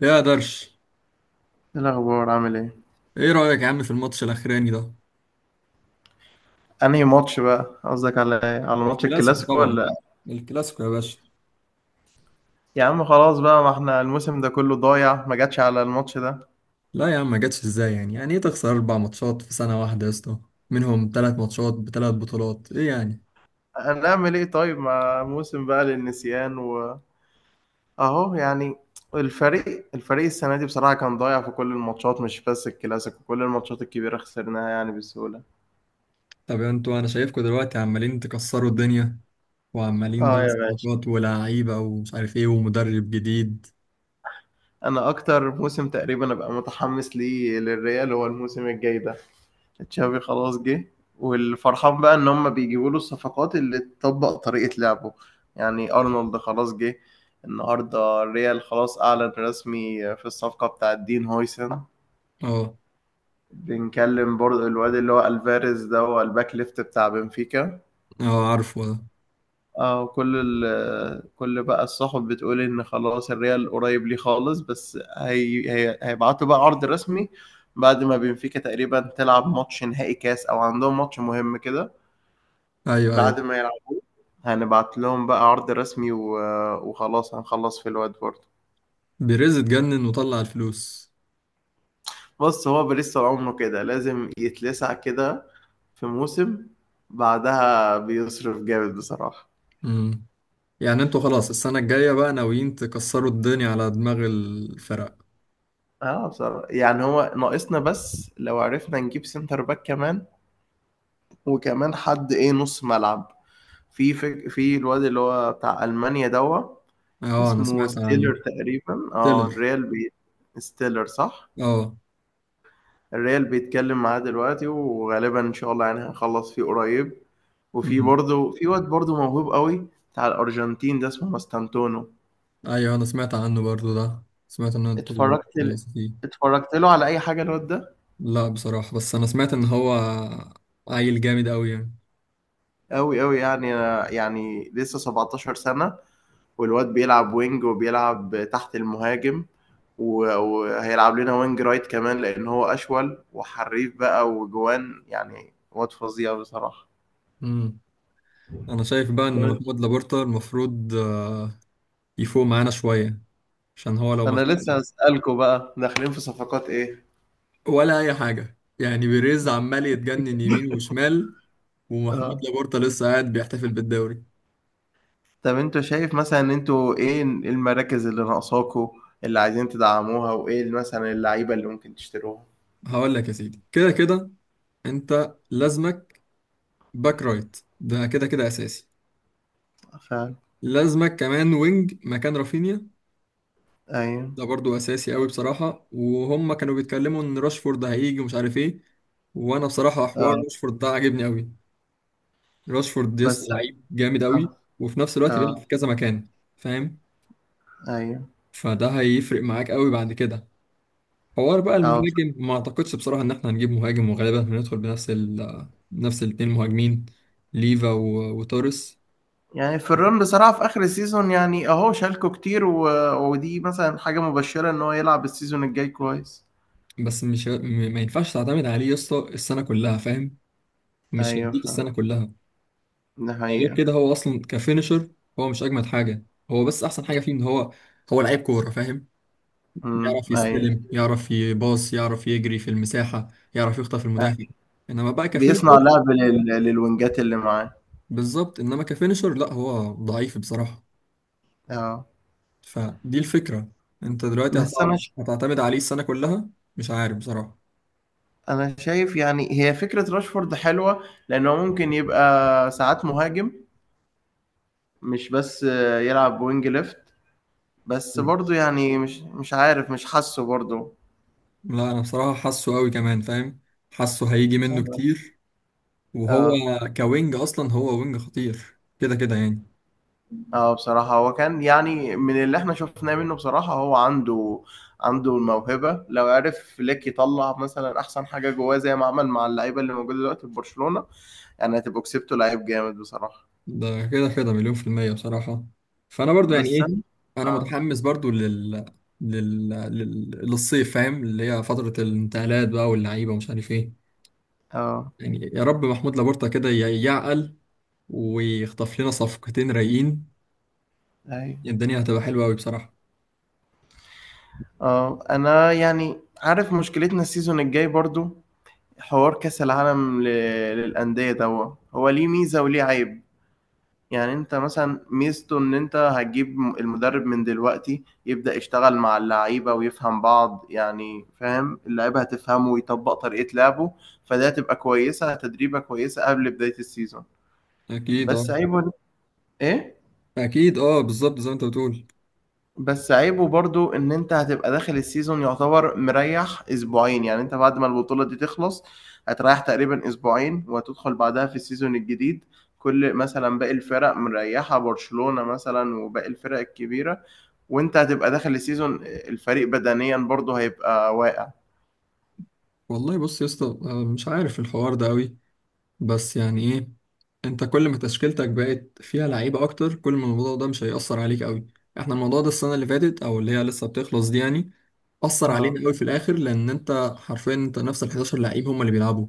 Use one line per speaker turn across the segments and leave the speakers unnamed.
ليه يا درش؟
ايه الاخبار؟ عامل ايه؟
ايه رأيك يا عم في الماتش الاخراني ده؟
انهي ماتش بقى؟ قصدك على ايه؟ على ماتش
الكلاسيكو
الكلاسيكو
طبعا.
ولا؟
الكلاسيكو يا باشا.
يا عم خلاص بقى، ما احنا الموسم ده كله ضايع، ما جاتش على الماتش ده.
لا يا عم، ما جاتش ازاي؟ يعني ايه تخسر اربع ماتشات في سنة واحدة يا اسطى؟ منهم ثلاث ماتشات بثلاث بطولات، ايه يعني؟
هنعمل ايه طيب؟ ما موسم بقى للنسيان واهو. يعني الفريق السنه دي بصراحه كان ضايع في كل الماتشات، مش بس الكلاسيكو، كل الماتشات الكبيره خسرناها يعني بسهوله.
طب انتوا انا شايفكم دلوقتي عمالين تكسروا الدنيا، وعمالين
اه
بقى
يا باشا،
صفقات ولاعيبة ومش عارف ايه ومدرب جديد.
انا اكتر موسم تقريبا ابقى متحمس ليه للريال هو الموسم الجاي ده. تشافي خلاص جه، والفرحان بقى ان هم بيجيبوا له الصفقات اللي تطبق طريقة لعبه. يعني ارنولد خلاص جه. النهارده الريال خلاص اعلن رسمي في الصفقة بتاعت دين هويسن.
اه.
بنكلم برضه الواد اللي هو الفاريز ده، هو الباك ليفت بتاع بنفيكا.
اه عارفه ده.
اه، كل بقى الصحف بتقول ان خلاص الريال قريب ليه خالص، بس هي هيبعتوا بقى عرض رسمي بعد ما بنفيكا تقريبا تلعب ماتش نهائي كاس، او عندهم ماتش مهم كده.
ايوه ايوه.
بعد ما يلعب هنبعت لهم بقى عرض رسمي وخلاص هنخلص في الوقت برضه.
بيريز اتجنن وطلع الفلوس.
بص، هو باريس طول عمره كده لازم يتلسع كده في موسم، بعدها بيصرف جامد بصراحة.
امم يعني انتوا خلاص السنة الجاية بقى ناويين تكسروا الدنيا على دماغ الفرق.
اه بصراحة، يعني هو ناقصنا بس لو عرفنا نجيب سنتر باك كمان، وكمان حد ايه، نص ملعب. في الواد اللي هو بتاع ألمانيا دوا،
اه انا
اسمه
سمعت عنه.
ستيلر تقريبا. اه،
تيلر.
ستيلر صح.
اه.
الريال بيتكلم معاه دلوقتي، وغالبا ان شاء الله يعني هنخلص فيه قريب. وفي
امم
برضه في واد برضه موهوب قوي، بتاع الارجنتين ده، اسمه ماستانتونو.
ايوه، انا سمعت عنه برضو ده، سمعت ان انتوا
اتفرجت ل...
خلصتوا فيه.
اتفرجت له على اي حاجه الواد ده.
لا بصراحة، بس انا سمعت ان هو عيل جامد قوي يعني.
قوي قوي يعني، يعني لسه 17 سنه، والواد بيلعب وينج وبيلعب تحت المهاجم، وهيلعب لنا وينج رايت كمان، لان هو اشول وحريف بقى وجوان، يعني واد فظيع بصراحه.
امم انا شايف بقى ان
طب
محمود لابورتا المفروض يفوق معانا شوية، عشان هو لو ما
انا لسه
فوقش
هسألكوا بقى داخلين في صفقات ايه.
ولا اي حاجة، يعني بيريز عمال يتجنن يمين وشمال، ومحمود
اه،
لابورتا لسه قاعد بيحتفل بالدوري.
طب انتوا شايف مثلا ان انتوا ايه المراكز اللي ناقصاكوا، اللي عايزين تدعموها، وايه مثلا اللعيبه اللي ممكن تشتروها؟
هقول لك يا سيدي، كده كده انت لازمك باك رايت، ده كده كده اساسي.
فعلا.
لازمك كمان وينج مكان رافينيا،
ايوه.
ده برضو اساسي قوي بصراحه. وهم كانوا بيتكلموا ان راشفورد هيجي ومش عارف ايه، وانا بصراحه حوار
اه.
راشفورد ده عاجبني قوي. راشفورد يا اسطى
بس.
لعيب جامد قوي،
اه.
وفي نفس الوقت بيلعب
اه.
في كذا مكان، فاهم؟
ايوه.
فده هيفرق معاك قوي بعد كده. حوار بقى
اه
المهاجم ما اعتقدش بصراحه ان احنا هنجيب مهاجم، وغالبا هندخل بنفس نفس الاتنين مهاجمين، ليفا و- وتوريس.
يعني في الرن بصراحه في اخر السيزون، يعني اهو شالكوا كتير ودي مثلا حاجه مبشره ان هو يلعب السيزون الجاي كويس.
بس مش ه- م- ما ينفعش تعتمد عليه يا اسطى السنه كلها، فاهم؟ مش
ايوه
هيديك
فعلا،
السنه كلها.
ده
يعني غير
حقيقه.
كده هو اصلا كفينشر، هو مش اجمد حاجه. هو بس احسن حاجه فيه ان هو لعيب كوره، فاهم؟
امم،
يعرف
ايوه.
يستلم، يعرف يباص، يعرف يجري في المساحه، يعرف يخطف
أيوة.
المدافع. انما بقى كفينشر،
بيصنع لعب للوينجات اللي معاه.
بالظبط، انما كفينشر لا، هو ضعيف بصراحه.
اه.
فدي الفكره، انت دلوقتي
بس انا،
هتعرف هتعتمد عليه السنه كلها؟ مش عارف بصراحه.
انا شايف يعني هي فكرة راشفورد حلوة لانه ممكن يبقى ساعات مهاجم، مش بس يلعب وينج ليفت، بس برضه يعني مش عارف، مش حاسه برضه.
لا انا بصراحه حاسه قوي كمان، فاهم؟ حاسه هيجي منه كتير. وهو
اه.
كوينج اصلا، هو وينج خطير كده كده يعني.
اه بصراحة، هو كان يعني من اللي احنا شفناه منه بصراحة هو عنده، عنده الموهبة لو عرف فليك يطلع مثلا احسن حاجة جواه، زي ما عمل مع اللعيبة اللي موجودة دلوقتي في برشلونة. يعني هتبقوا كسبتوا لعيب جامد بصراحة.
ده كده كده مليون في المية بصراحة. فأنا برضو يعني
بس
إيه،
انا.
أنا
اه.
متحمس برضو للصيف، فاهم؟ اللي هي فترة الانتقالات بقى واللعيبة ومش عارف إيه.
اه.
يعني يا رب محمود لابورتا كده يعقل ويخطف لنا صفقتين رايقين،
أيوة.
الدنيا هتبقى حلوة أوي بصراحة.
آه انا يعني عارف مشكلتنا السيزون الجاي برضو، حوار كأس العالم للأندية ده، هو ليه ميزة وليه عيب. يعني انت مثلا ميزته ان انت هتجيب المدرب من دلوقتي يبدأ يشتغل مع اللعيبة ويفهم بعض، يعني فاهم اللعيبة هتفهمه ويطبق طريقة لعبه. فده هتبقى كويسة، تدريبة كويسة قبل بداية السيزون.
أكيد أه.
بس عيبه ايه؟
أكيد أه، بالظبط زي ما أنت بتقول.
بس عيبه برضو ان انت هتبقى داخل السيزون يعتبر مريح اسبوعين، يعني انت بعد ما البطولة دي تخلص هتريح تقريبا اسبوعين وهتدخل بعدها في السيزون الجديد. كل مثلا باقي الفرق مريحة، برشلونة مثلا وباقي الفرق الكبيرة، وانت هتبقى داخل السيزون الفريق بدنيا برضو هيبقى واقع.
والله بص يا اسطى، أنا مش عارف الحوار ده أوي، بس يعني ايه، انت كل ما تشكيلتك بقت فيها لعيبة اكتر، كل ما الموضوع ده مش هيأثر عليك قوي. احنا الموضوع ده السنة اللي فاتت او اللي هي لسه بتخلص دي، يعني أثر
اه
علينا قوي في الآخر، لأن أنت حرفيا أنت نفس ال 11 لعيب هم اللي بيلعبوا.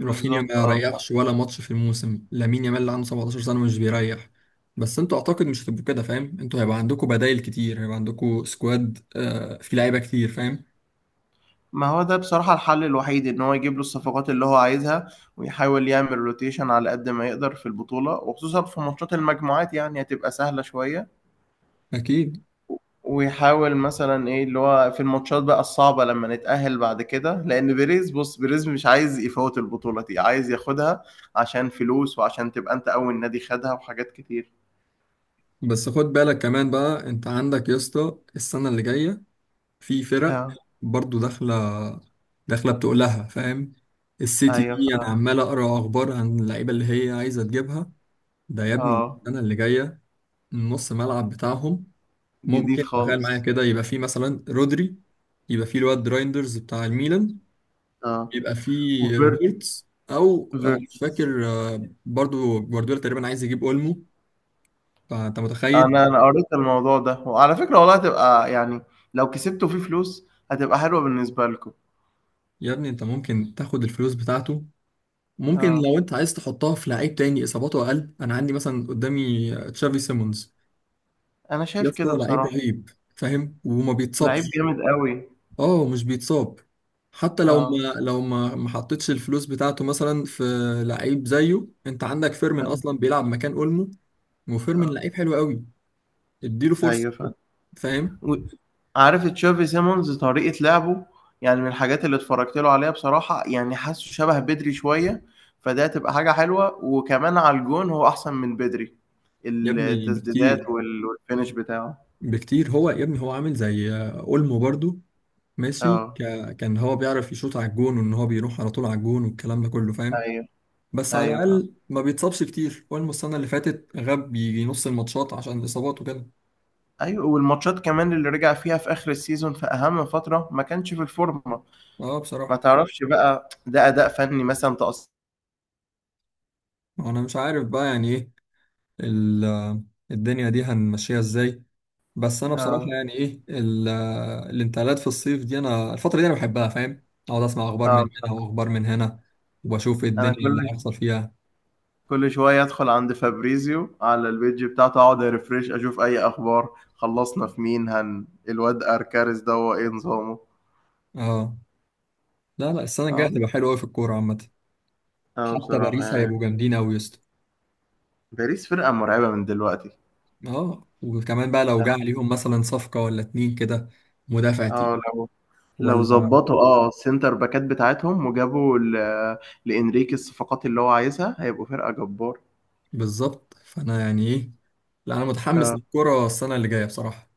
رافينيا ما
اه.
ريحش ولا ماتش في الموسم، لامين يامال اللي عنده 17 سنة مش بيريح. بس أنتوا أعتقد مش هتبقوا كده، فاهم؟ أنتوا هيبقى عندكم بدايل كتير، هيبقى عندكم سكواد آه فيه لعيبة كتير، فاهم؟
ما هو ده بصراحة الحل الوحيد، ان هو يجيب له الصفقات اللي هو عايزها، ويحاول يعمل روتيشن على قد ما يقدر في البطولة، وخصوصا في ماتشات المجموعات يعني هتبقى سهلة شوية.
أكيد.
ويحاول مثلا ايه اللي هو في الماتشات بقى الصعبة لما نتأهل بعد كده، لان بيريز، بص بيريز مش عايز يفوت البطولة دي، عايز ياخدها عشان فلوس، وعشان تبقى انت اول نادي خدها، وحاجات كتير.
بس خد بالك كمان بقى، أنت عندك يا اسطى السنة اللي جاية في فرق
اه.
برضو داخلة، داخلة بتقولها، فاهم؟ السيتي
ايوه. ف
دي أنا عمال أقرأ أخبار عن اللعيبة اللي هي عايزة تجيبها. ده يا ابني
اه.
السنة اللي جاية نص ملعب بتاعهم،
جديد
ممكن تخيل معايا
خالص.
كده، يبقى في مثلا رودري، يبقى في الواد رايندرز بتاع الميلان،
اه.
يبقى في
وفيرت.
فيرتس أو مش
فيرتس.
فاكر، برضو جوارديولا تقريبا عايز يجيب أولمو. فأنت متخيل؟
انا، انا قريت الموضوع ده، وعلى فكرة والله هتبقى يعني لو كسبتوا فيه فلوس هتبقى حلوة بالنسبة لكم.
يا ابني أنت ممكن تاخد الفلوس بتاعته، ممكن
اه،
لو انت عايز تحطها في لعيب تاني اصاباته اقل، انا عندي مثلا قدامي تشافي سيمونز،
انا
يا
شايف
اسطى
كده
لعيب
بصراحة.
رهيب فاهم، وما
لعيب
بيتصابش.
جامد قوي.
اه مش بيتصاب. حتى لو
اه.
ما حطيتش الفلوس بتاعته مثلا في لعيب زيه، انت عندك فيرمين
اه.
اصلا بيلعب مكان اولمو، وفيرمين
اه.
لعيب حلو قوي، اديله فرصه،
ايوه فاهم.
فاهم؟
و- عارف تشافي سيمونز طريقة لعبه؟ يعني من الحاجات اللي اتفرجت له عليها بصراحة يعني حاسه شبه بدري شوية. فده هتبقى حاجة حلوة، وكمان على الجون هو احسن من بدري،
يا ابني
التسديدات
بكتير،
والفينش بتاعه.
بكتير، هو يا ابني هو عامل زي اولمو برضو، ماشي
اه.
ك... كان هو بيعرف يشوط على الجون وان هو بيروح على طول على الجون والكلام ده كله، فاهم؟
ايوه.
بس على
ايوه فاهم.
الاقل ما بيتصابش كتير، اول السنه اللي فاتت غاب يجي نص الماتشات عشان الاصابات وكده.
أيوه، والماتشات كمان اللي رجع فيها في آخر السيزون في أهم فترة ما كانش في الفورمة،
اه
ما
بصراحه.
تعرفش بقى ده أداء فني مثلًا تقص.
انا مش عارف بقى يعني ايه ال- الدنيا دي هنمشيها ازاي، بس انا بصراحه
آه.
يعني ايه الانتقالات في الصيف دي، انا الفتره دي انا بحبها، فاهم؟ اقعد اسمع اخبار
آه
من هنا
بالضبط.
واخبار من هنا، وبشوف إيه
أنا
الدنيا اللي
كل ش
هيحصل فيها.
كل شوية أدخل عند فابريزيو على الpage بتاعته، أقعد refresh أشوف أي أخبار، خلّصنا في مين، هن الواد أركاريس دوّة إيه نظامه؟
اه. لا لا، السنه الجايه
آه.
هتبقى حلوه قوي في الكوره عامه.
آه
حتى
بصراحة
باريس
يعني،
هيبقوا جامدين قوي يا اسطى.
باريس فرقة مرعبة من دلوقتي.
اه، وكمان بقى لو جه
آه.
عليهم مثلا صفقه ولا اتنين كده، مدافع تقيل
آه لو
ولا.
ظبطوا اه السنتر باكات بتاعتهم، وجابوا لإنريكي الصفقات اللي هو عايزها، هيبقوا فرقة جبار.
بالظبط، فانا يعني ايه، لا انا متحمس
اه.
للكرة السنة اللي جاية بصراحة،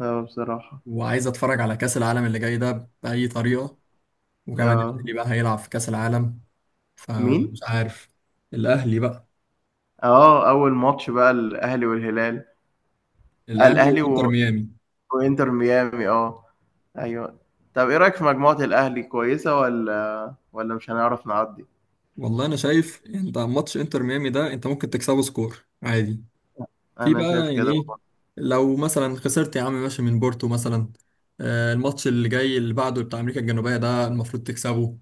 اه بصراحة.
وعايز اتفرج على كأس العالم اللي جاي ده بأي طريقة، وكمان
اه.
الاهلي بقى هيلعب في كأس العالم.
مين؟
فمش عارف. الاهلي بقى.
اه، أول ماتش بقى الأهلي والهلال. آه
الاهلي
الأهلي
وانتر ميامي.
وإنتر ميامي، اه. أيوه. طب إيه رأيك في مجموعة الأهلي، كويسة ولا مش هنعرف نعدي؟
والله انا شايف انت ماتش انتر ميامي ده انت ممكن تكسبه سكور عادي. في
أنا شايف
بقى يعني
كده
ايه،
برضه.
لو مثلا خسرت يا عم ماشي من بورتو مثلا، الماتش اللي جاي اللي بعده بتاع امريكا الجنوبيه ده المفروض تكسبه،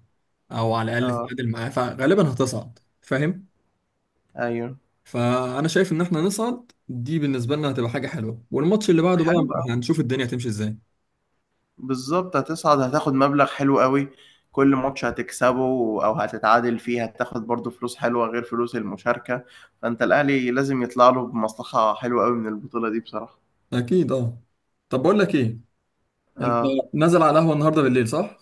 او على الاقل
اه.
تتعادل معاه، فغالبا هتصعد، فاهم؟
أيوه.
فانا شايف ان احنا نصعد دي بالنسبه لنا هتبقى حاجه حلوه، والماتش اللي بعده
حلو.
بقى هنشوف الدنيا هتمشي ازاي.
بالظبط هتصعد، هتاخد مبلغ حلو قوي. كل ماتش هتكسبه او هتتعادل فيه هتاخد برضو فلوس حلوة، غير فلوس المشاركة. فانت الاهلي لازم يطلع له بمصلحة حلوة قوي من البطولة دي بصراحة.
اكيد اه. طب بقول لك ايه، انت
اه.
نازل على القهوه النهارده بالليل، صح؟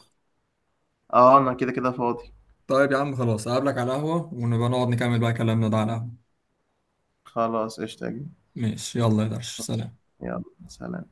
اه انا كده كده فاضي.
طيب يا عم خلاص، اقابلك على القهوه ونبقى نقعد نكمل بقى كلامنا ده على القهوه.
خلاص قشطة يا جميل.
ماشي، يلا يا درش، سلام.
يلا، سلام.